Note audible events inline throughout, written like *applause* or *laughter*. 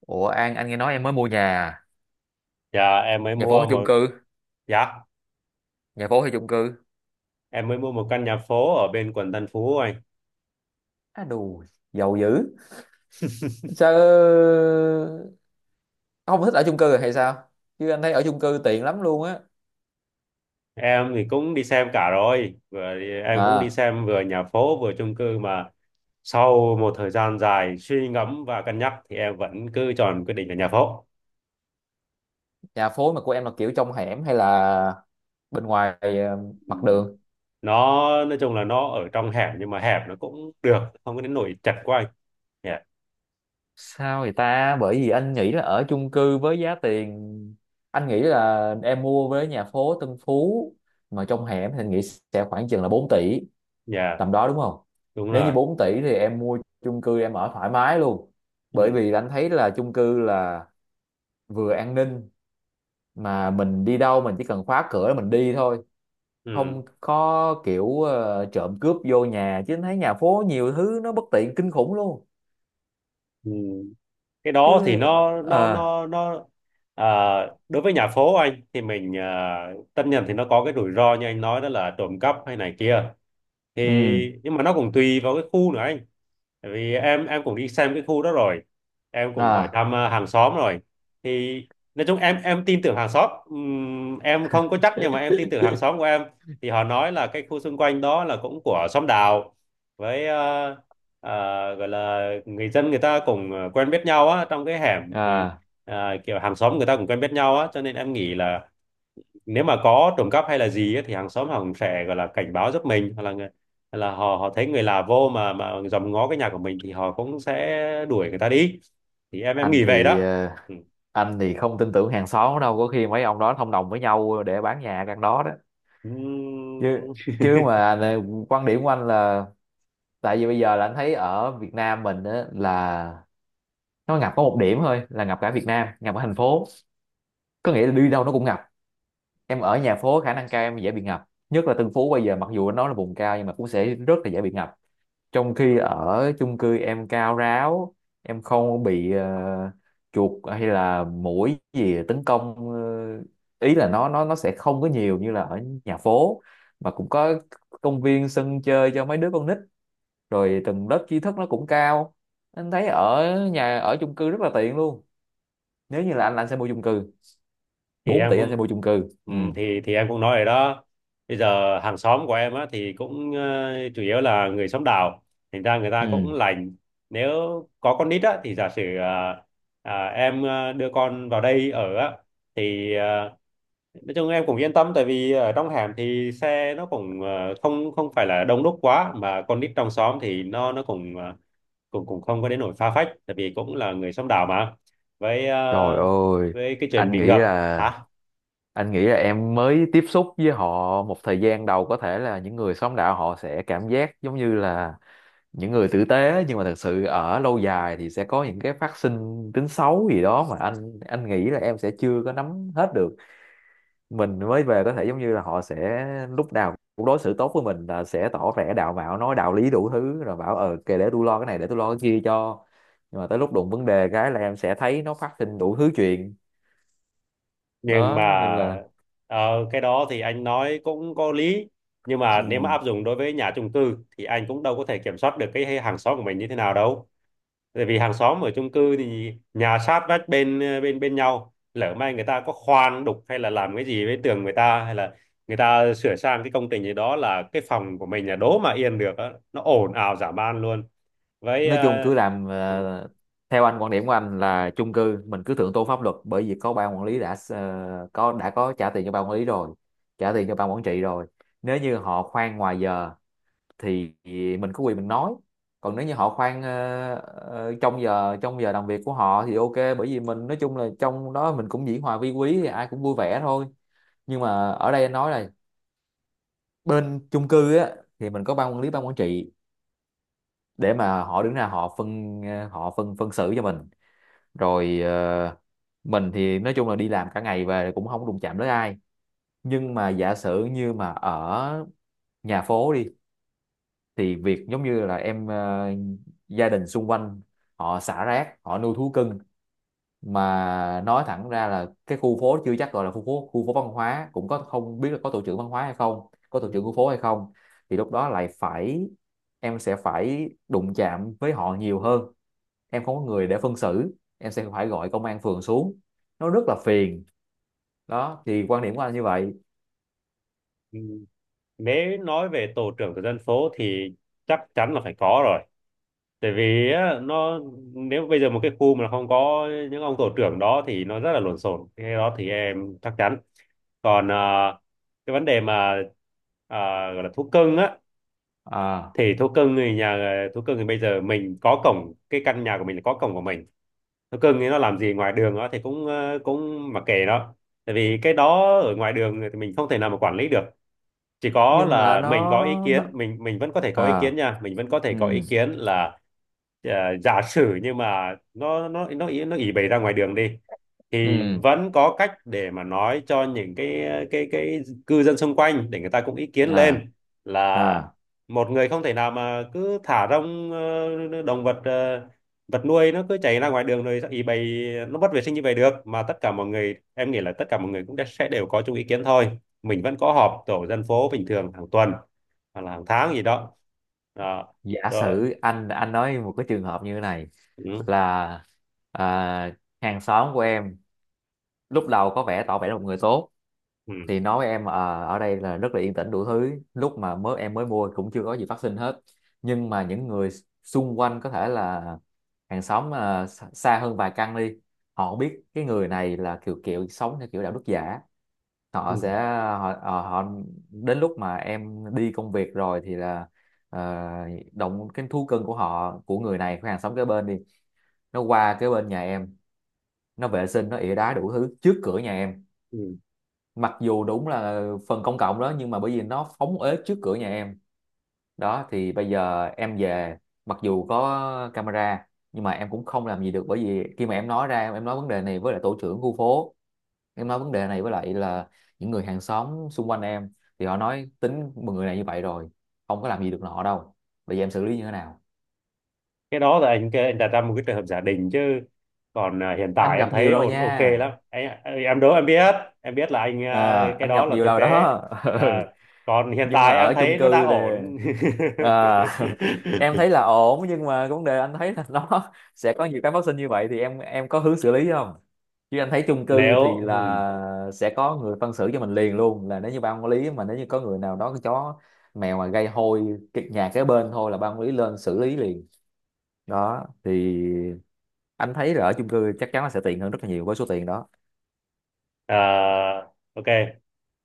Ủa An, anh nghe nói em mới mua nhà, à? Dạ em mới Nhà phố mua hay chung một cư? dạ Nhà phố hay chung cư? em mới mua một căn nhà phố ở bên quận Tân Phú anh. Á đù, giàu dữ. Sao ông không thích ở chung cư hay sao? Chứ anh thấy ở chung cư tiện lắm luôn á. Em thì cũng đi xem cả rồi, em cũng đi À, xem vừa nhà phố vừa chung cư, mà sau một thời gian dài suy ngẫm và cân nhắc thì em vẫn cứ chọn quyết định là nhà phố. Nhà phố mà của em là kiểu trong hẻm hay là bên ngoài, mặt đường? Nó nói chung là nó ở trong hẻm nhưng mà hẹp, nó cũng được, không có đến nỗi chật quá anh. Dạ, Sao vậy ta? Bởi vì anh nghĩ là ở chung cư với giá tiền, anh nghĩ là em mua với nhà phố Tân Phú mà trong hẻm thì anh nghĩ sẽ khoảng chừng là 4 tỷ, dạ, tầm đó đúng không? đúng Nếu như rồi. 4 tỷ thì em mua chung cư em ở thoải mái luôn, Ừ, bởi vì anh thấy là chung cư là vừa an ninh mà mình đi đâu mình chỉ cần khóa cửa là mình đi thôi, ừ, không có kiểu trộm cướp vô nhà. Chứ anh thấy nhà phố nhiều thứ nó bất tiện kinh khủng luôn. ừ. Cái đó thì Chứ nó nó ờ nó nó à, đối với nhà phố anh thì mình, tất nhiên thì nó có cái rủi ro như anh nói, đó là trộm cắp hay này kia thì, ừ. nhưng mà nó cũng tùy vào cái khu nữa anh. Tại vì em cũng đi xem cái khu đó rồi, em cũng hỏi À, thăm hàng xóm rồi, thì nói chung em tin tưởng hàng xóm. Em không có chắc nhưng mà em tin tưởng hàng xóm của em, thì họ nói là cái khu xung quanh đó là cũng của xóm đạo, với gọi là người dân người ta cũng quen biết nhau á trong cái hẻm, thì à, kiểu hàng xóm người ta cũng quen biết nhau á, cho nên em nghĩ là nếu mà có trộm cắp hay là gì á, thì hàng xóm họ cũng sẽ gọi là cảnh báo giúp mình, hoặc là hoặc là họ họ thấy người lạ vô mà dòm ngó cái nhà của mình thì họ cũng sẽ đuổi người ta đi. Thì em anh nghĩ vậy thì đó. Ừ. anh thì không tin tưởng hàng xóm đâu, có khi mấy ông đó thông đồng với nhau để bán nhà căn đó đó. Chứ, Ừm. chứ mà này, quan điểm của anh là tại vì bây giờ là anh thấy ở Việt Nam mình á, là nó ngập có một điểm thôi là ngập cả Việt Nam, ngập ở thành phố, có nghĩa là đi đâu nó cũng ngập. Em ở nhà phố khả năng cao em dễ bị ngập, nhất là Tân Phú bây giờ mặc dù nó là vùng cao nhưng mà cũng sẽ rất là dễ bị ngập. Trong khi ở chung cư em cao ráo, em không bị chuột hay là muỗi gì tấn công. Ờ, Ý là nó sẽ không có nhiều như là ở nhà phố, mà cũng có công viên sân chơi cho mấy đứa con nít, rồi từng lớp tri thức nó cũng cao. Anh thấy ở nhà, ở chung cư rất là tiện luôn. Nếu như là anh, là anh sẽ mua chung cư. thì Bốn em tỷ anh sẽ cũng mua chung cư, Ừ, ừ. thì em cũng nói rồi đó. Bây giờ hàng xóm của em á thì cũng chủ yếu là người xóm đảo, thành ra người ta cũng Ừ. lành. Nếu có con nít á thì giả sử em đưa con vào đây ở á thì nói chung em cũng yên tâm, tại vì ở trong hẻm thì xe nó cũng không không phải là đông đúc quá, mà con nít trong xóm thì nó cũng cũng cũng không có đến nỗi phá phách, tại vì cũng là người xóm đảo mà. với Trời ờ, ơi, với cái chuyện anh bị nghĩ ngập. là, Hả? anh nghĩ là em mới tiếp xúc với họ một thời gian đầu, có thể là những người xóm đạo họ sẽ cảm giác giống như là những người tử tế, nhưng mà thật sự ở lâu dài thì sẽ có những cái phát sinh tính xấu gì đó mà anh nghĩ là em sẽ chưa có nắm hết được. Mình mới về có thể giống như là họ sẽ lúc nào cũng đối xử tốt với mình, là sẽ tỏ vẻ đạo mạo, nói đạo lý đủ thứ, rồi bảo ờ kệ để tôi lo cái này, để tôi lo cái kia cho, nhưng mà tới lúc đụng vấn đề cái là em sẽ thấy nó phát sinh đủ thứ chuyện. Nhưng mà Đó nên là ờ, cái đó thì anh nói cũng có lý, nhưng mà nếu mà ừm, áp dụng đối với nhà chung cư thì anh cũng đâu có thể kiểm soát được cái hàng xóm của mình như thế nào đâu. Tại vì hàng xóm ở chung cư thì nhà sát vách bên bên bên nhau, lỡ may người ta có khoan đục hay là làm cái gì với tường người ta, hay là người ta sửa sang cái công trình gì đó là cái phòng của mình là đố mà yên được á, nó ồn ào dã man luôn. với nói chung ờ, cứ làm, ừ, theo anh, quan điểm của anh là chung cư mình cứ thượng tôn pháp luật, bởi vì có ban quản lý đã có, đã có trả tiền cho ban quản lý rồi, trả tiền cho ban quản trị rồi. Nếu như họ khoan ngoài giờ thì mình có quyền mình nói. Còn nếu như họ khoan trong giờ, trong giờ làm việc của họ thì ok, bởi vì mình nói chung là trong đó mình cũng dĩ hòa vi quý thì ai cũng vui vẻ thôi. Nhưng mà ở đây anh nói là bên chung cư á thì mình có ban quản lý, ban quản trị để mà họ đứng ra họ phân xử cho mình. Rồi mình thì nói chung là đi làm cả ngày về cũng không đụng chạm tới ai. Nhưng mà giả sử như mà ở nhà phố đi, thì việc giống như là em, gia đình xung quanh họ xả rác, họ nuôi thú cưng, mà nói thẳng ra là cái khu phố chưa chắc gọi là khu phố, khu phố văn hóa cũng có, không biết là có tổ trưởng văn hóa hay không, có tổ ừ, trưởng khu phố hay không, thì lúc đó lại phải, em sẽ phải đụng chạm với họ nhiều hơn, em không có người để phân xử, em sẽ phải gọi công an phường xuống, nó rất là phiền. Đó thì quan điểm của anh như vậy. ừ. Nếu nói về tổ trưởng của dân phố thì chắc chắn là phải có rồi, tại vì á, nếu bây giờ một cái khu mà không có những ông tổ trưởng đó thì nó rất là lộn xộn, cái đó thì em chắc chắn. Còn cái vấn đề mà ờ, gọi là thú cưng á, À, thì thú cưng thì bây giờ mình có cổng, cái căn nhà của mình là có cổng của mình, thú cưng thì nó làm gì ngoài đường đó thì cũng cũng mặc kệ nó, tại vì cái đó ở ngoài đường thì mình không thể nào mà quản lý được, chỉ có nhưng mà là mình có ý kiến, nó mình vẫn có thể có ý à, kiến nha, mình vẫn có thể ừ, có ý kiến là ờ, giả sử nhưng mà nó ý nó ỉ bày ra ngoài đường đi, thì ừ, vẫn có cách để mà nói cho những cái cư dân xung quanh để người ta cũng ý kiến à, lên, là à, một người không thể nào mà cứ thả rông vật nuôi nó cứ chạy ra ngoài đường rồi ý bày, nó mất vệ sinh như vậy được, mà tất cả mọi người, em nghĩ là tất cả mọi người cũng sẽ đều có chung ý kiến thôi. Mình vẫn có họp tổ dân phố bình thường hàng tuần hoặc là hàng tháng gì đó. Đó giả rồi. sử anh nói một cái trường hợp như thế này Ừ. là, à, hàng xóm của em lúc đầu có vẻ tỏ vẻ là một người tốt, Ừ. thì nói với em ở đây là rất là yên tĩnh đủ thứ, lúc mà mới em mới mua cũng chưa có gì phát sinh hết. Nhưng mà những người xung quanh có thể là hàng xóm xa xa hơn vài căn đi, họ biết cái người này là kiểu kiểu sống theo kiểu đạo đức giả, Ừ. họ sẽ, họ, họ họ đến lúc mà em đi công việc rồi thì là, uh, động cái thú cưng của họ, của người này, của hàng xóm kế bên đi, nó qua kế bên nhà em, nó vệ sinh, nó ỉa đá đủ thứ trước cửa nhà em. Ừ. Mặc dù đúng là phần công cộng đó, nhưng mà bởi vì nó phóng uế trước cửa nhà em, đó thì bây giờ em về, mặc dù có camera, nhưng mà em cũng không làm gì được, bởi vì khi mà em nói ra, em nói vấn đề này với lại tổ trưởng khu phố, em nói vấn đề này với lại là những người hàng xóm xung quanh em, thì họ nói tính một người này như vậy rồi, không có làm gì được nọ đâu. Bây giờ em xử lý như thế nào? Cái đó là anh kêu, anh đặt ra một cái trường hợp giả định chứ còn hiện Anh tại em gặp nhiều thấy rồi ổn, ok nha. lắm anh, em đố em biết. Em biết là anh, À, cái anh đó gặp là nhiều thực rồi tế. đó. *laughs* à, Ừ. Còn hiện Nhưng mà tại em ở chung thấy nó đang cư thì ổn. *laughs* à, *laughs* em thấy là ổn, nhưng mà vấn đề anh thấy là nó *laughs* sẽ có nhiều cái phát sinh như vậy, thì em có hướng xử lý không? Chứ anh thấy chung cư nếu thì ừ, là sẽ có người phân xử cho mình liền luôn, là nếu như ban quản lý, mà nếu như có người nào đó cái chó mèo mà gây hôi cái nhà kế bên thôi là ban quản lý lên xử lý liền. Đó thì anh thấy là ở chung cư chắc chắn là sẽ tiện hơn rất là nhiều với số tiền đó. à, ok.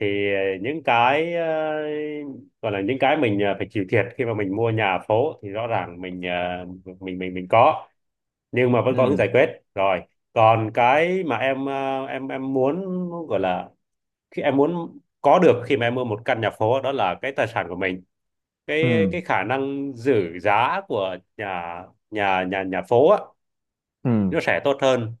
Thì những cái, gọi là những cái mình, phải chịu thiệt khi mà mình mua nhà phố thì rõ ràng mình, mình có, nhưng mà vẫn có hướng Ừ, giải quyết rồi. Còn cái mà em em muốn gọi là, khi em muốn có được khi mà em mua một căn nhà phố đó, là cái tài sản của mình. cái ừ, cái khả năng giữ giá của nhà, nhà phố á, ừ. nó sẽ tốt hơn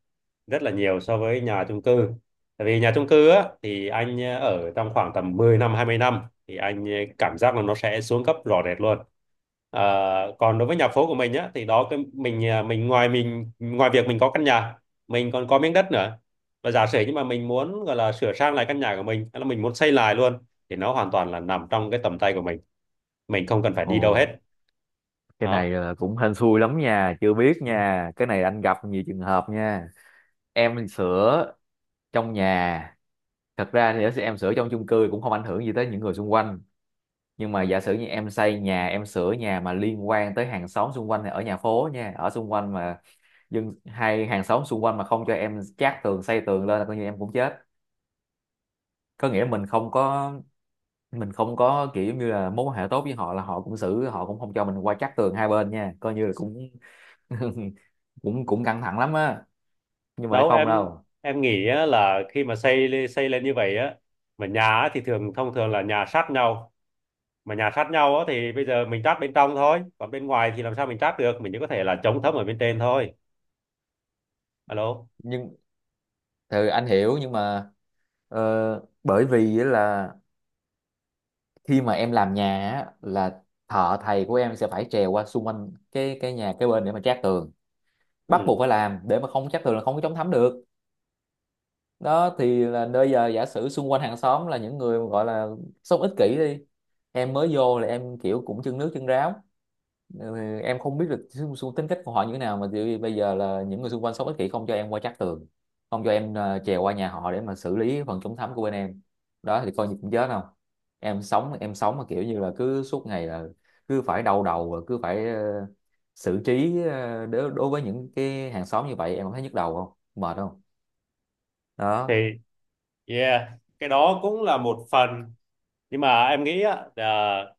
rất là nhiều so với nhà chung cư. Tại vì nhà chung cư á thì anh ở trong khoảng tầm 10 năm, 20 năm thì anh cảm giác là nó sẽ xuống cấp rõ rệt luôn. Còn đối với nhà phố của mình á thì đó, cái mình mình ngoài việc mình có căn nhà, mình còn có miếng đất nữa, và giả sử như mà mình muốn gọi là sửa sang lại căn nhà của mình hay là mình muốn xây lại luôn thì nó hoàn toàn là nằm trong cái tầm tay của mình không cần phải Ồ, đi đâu hết cái này đó. là cũng hên xui lắm nha, chưa biết nha. Cái này anh gặp nhiều trường hợp nha. Em sửa trong nhà, thật ra thì em sửa trong chung cư cũng không ảnh hưởng gì tới những người xung quanh. Nhưng mà giả sử như em xây nhà, em sửa nhà mà liên quan tới hàng xóm xung quanh thì ở nhà phố nha, ở xung quanh mà dân hay hàng xóm xung quanh mà không cho em chát tường, xây tường lên là coi như em cũng chết. Có nghĩa mình không có, mình không có kiểu giống như là mối quan hệ tốt với họ, là họ cũng xử, họ cũng không cho mình qua chát tường hai bên nha, coi như là cũng *laughs* cũng cũng căng thẳng lắm á. Nhưng mà Đâu không em đâu. em nghĩ á, là khi mà xây xây lên như vậy á, mà nhà á, thì thông thường là nhà sát nhau, mà nhà sát nhau á, thì bây giờ mình trát bên trong thôi, còn bên ngoài thì làm sao mình trát được, mình chỉ có thể là chống thấm ở bên trên thôi. Alo. Nhưng thì anh hiểu, nhưng mà bởi vì á là khi mà em làm nhà á, là thợ thầy của em sẽ phải trèo qua xung quanh cái nhà kế bên để mà trát tường, bắt Ừ. buộc phải làm, để mà không trát tường là không có chống thấm được. Đó thì là bây giờ giả sử xung quanh hàng xóm là những người gọi là sống ích kỷ đi, em mới vô là em kiểu cũng chân nước chân ráo, ừ, em không biết được xu, xu tính cách của họ như thế nào, mà thì bây giờ là những người xung quanh sống ích kỷ không cho em qua trắc tường, không cho em trèo qua nhà họ để mà xử lý phần chống thấm của bên em. Đó thì coi như cũng chết không? Em sống, em sống mà kiểu như là cứ suốt ngày là cứ phải đau đầu, và cứ phải xử trí, đối, đối với những cái hàng xóm như vậy, em không thấy nhức đầu không, mệt không? Thì Đó. yeah, cái đó cũng là một phần, nhưng mà em nghĩ á là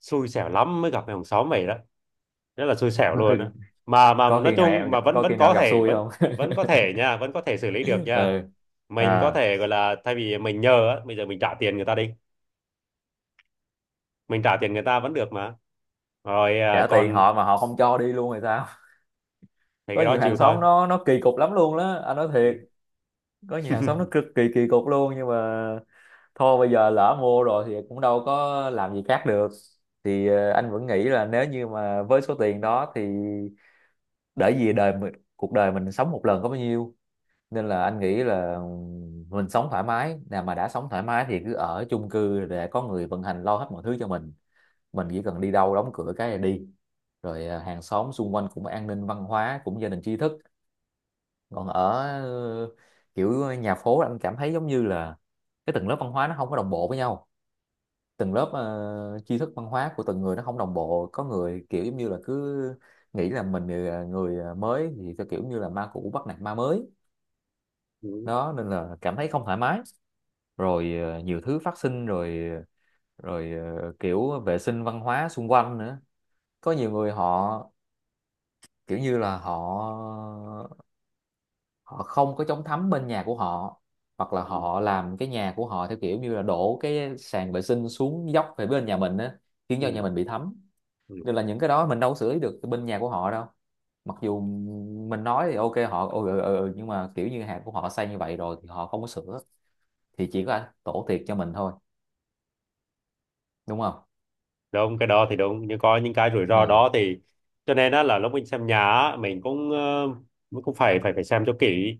xui xẻo lắm mới gặp cái hàng xóm mày đó, rất là xui xẻo luôn á. *laughs* Mà Có nói khi nào em chung gặp- mà vẫn có vẫn khi nào có gặp thể, xui vẫn không? vẫn có thể nha, vẫn có thể xử lý được *laughs* nha. Ừ. Mình có À, thể gọi là, thay vì mình nhờ á, bây giờ mình trả tiền người ta đi, mình trả tiền người ta vẫn được mà. Rồi trả tiền còn họ mà họ không cho đi luôn thì sao? thì Có cái đó nhiều chịu hàng thôi. xóm nó kỳ cục lắm luôn đó, anh nói thiệt. Ừ. Có nhiều hàng xóm nó cực kỳ kỳ cục luôn, nhưng mà thôi bây giờ lỡ mua rồi thì cũng đâu có làm gì khác được. Thì anh vẫn nghĩ là nếu như mà với số tiền đó thì để gì Đời mình, cuộc đời mình sống một lần có bao nhiêu, nên là anh nghĩ là mình sống thoải mái. Nào mà đã sống thoải mái thì cứ ở chung cư để có người vận hành lo hết mọi thứ cho mình chỉ cần đi đâu đóng cửa cái là đi. Rồi à, hàng xóm xung quanh cũng an ninh, văn hóa cũng gia đình tri thức. Còn ở ờ, kiểu nhà phố anh cảm thấy giống như là cái tầng lớp văn hóa nó không có đồng bộ với nhau, từng lớp tri thức văn hóa của từng người nó không đồng bộ. Có người kiểu giống như là cứ nghĩ là mình là người mới thì cái kiểu như là ma cũ bắt nạt ma mới Ừ. đó, nên là cảm thấy không thoải mái. Rồi nhiều thứ phát sinh, rồi rồi kiểu vệ sinh văn hóa xung quanh nữa. Có nhiều người họ kiểu như là họ họ không có chống thấm bên nhà của họ, hoặc là Ừ. họ làm cái nhà của họ theo kiểu như là đổ cái sàn vệ sinh xuống dốc về bên nhà mình á, khiến cho nhà Ừ. mình bị thấm. Ừ. Nên là những cái đó mình đâu có xử lý được bên nhà của họ đâu, mặc dù mình nói thì ok, họ ừ, ừ, ừ, ừ, nhưng mà kiểu như hàng của họ xây như vậy rồi thì họ không có sửa, thì chỉ có tổ thiệt cho mình thôi, đúng không. Đúng, cái đó thì đúng, nhưng có những cái rủi ro Ừ. đó, thì cho nên á là lúc mình xem nhà á, mình cũng mình cũng phải phải phải xem cho kỹ.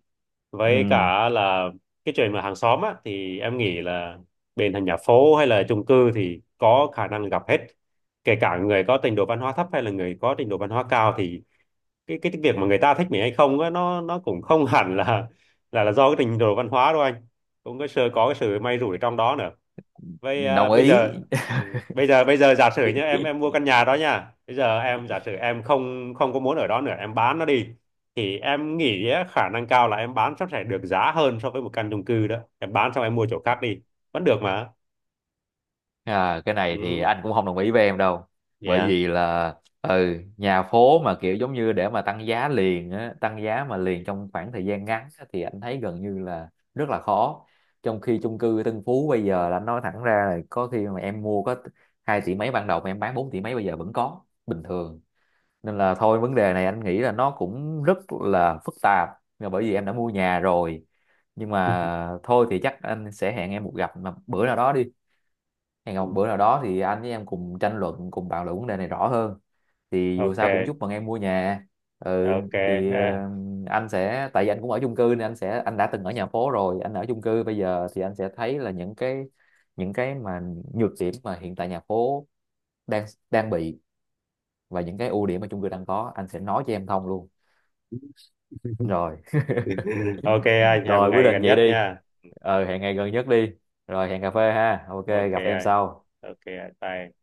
Với Ừ. cả là cái chuyện mà hàng xóm á thì em nghĩ là bên thành nhà phố hay là chung cư thì có khả năng gặp hết, kể cả người có trình độ văn hóa thấp hay là người có trình độ văn hóa cao, thì cái việc mà người ta thích mình hay không á, nó cũng không *laughs* hẳn là là do cái trình độ văn hóa đâu anh, cũng có cái sự may rủi trong đó nữa. Vậy Đồng bây ý. giờ, ừ, bây giờ, giả sử nhá, em mua căn nhà đó nha, bây giờ em giả sử em không không có muốn ở đó nữa, em bán nó đi thì em nghĩ á, khả năng cao là em bán sẽ phải được giá hơn so với một căn chung cư đó, em bán xong em mua chỗ khác đi vẫn được mà. À, cái này thì Ừ. anh cũng không đồng ý với em đâu, bởi Yeah. vì là ừ, nhà phố mà kiểu giống như để mà tăng giá liền á, tăng giá mà liền trong khoảng thời gian ngắn á, thì anh thấy gần như là rất là khó. Trong khi chung cư Tân Phú bây giờ là anh nói thẳng ra là có khi mà em mua có hai tỷ mấy ban đầu mà em bán 4 tỷ mấy bây giờ vẫn có, bình thường. Nên là thôi, vấn đề này anh nghĩ là nó cũng rất là phức tạp, là bởi vì em đã mua nhà rồi, nhưng Ừ. mà thôi thì chắc anh sẽ hẹn em một gặp mà bữa nào đó đi, hẹn gặp bữa nào *laughs* đó thì anh với em cùng tranh luận, cùng bàn luận vấn đề này rõ hơn. Thì dù sao cũng Ok. chúc mừng em mua nhà. Ừ, Ok. thì À. Anh sẽ, tại vì anh cũng ở chung cư nên anh sẽ, anh đã từng ở nhà phố rồi anh ở chung cư bây giờ, thì anh sẽ thấy là những cái, những cái mà nhược điểm mà hiện tại nhà phố đang đang bị, và những cái ưu điểm mà chung cư đang có, anh sẽ nói cho em thông luôn. Rồi. *laughs* Ok anh, hẹn một Rồi quyết ngày định gần vậy nhất đi, nha. ờ hẹn ngày gần nhất đi, rồi hẹn cà phê ha, ok Ok gặp em anh. sau. Ok anh, bye.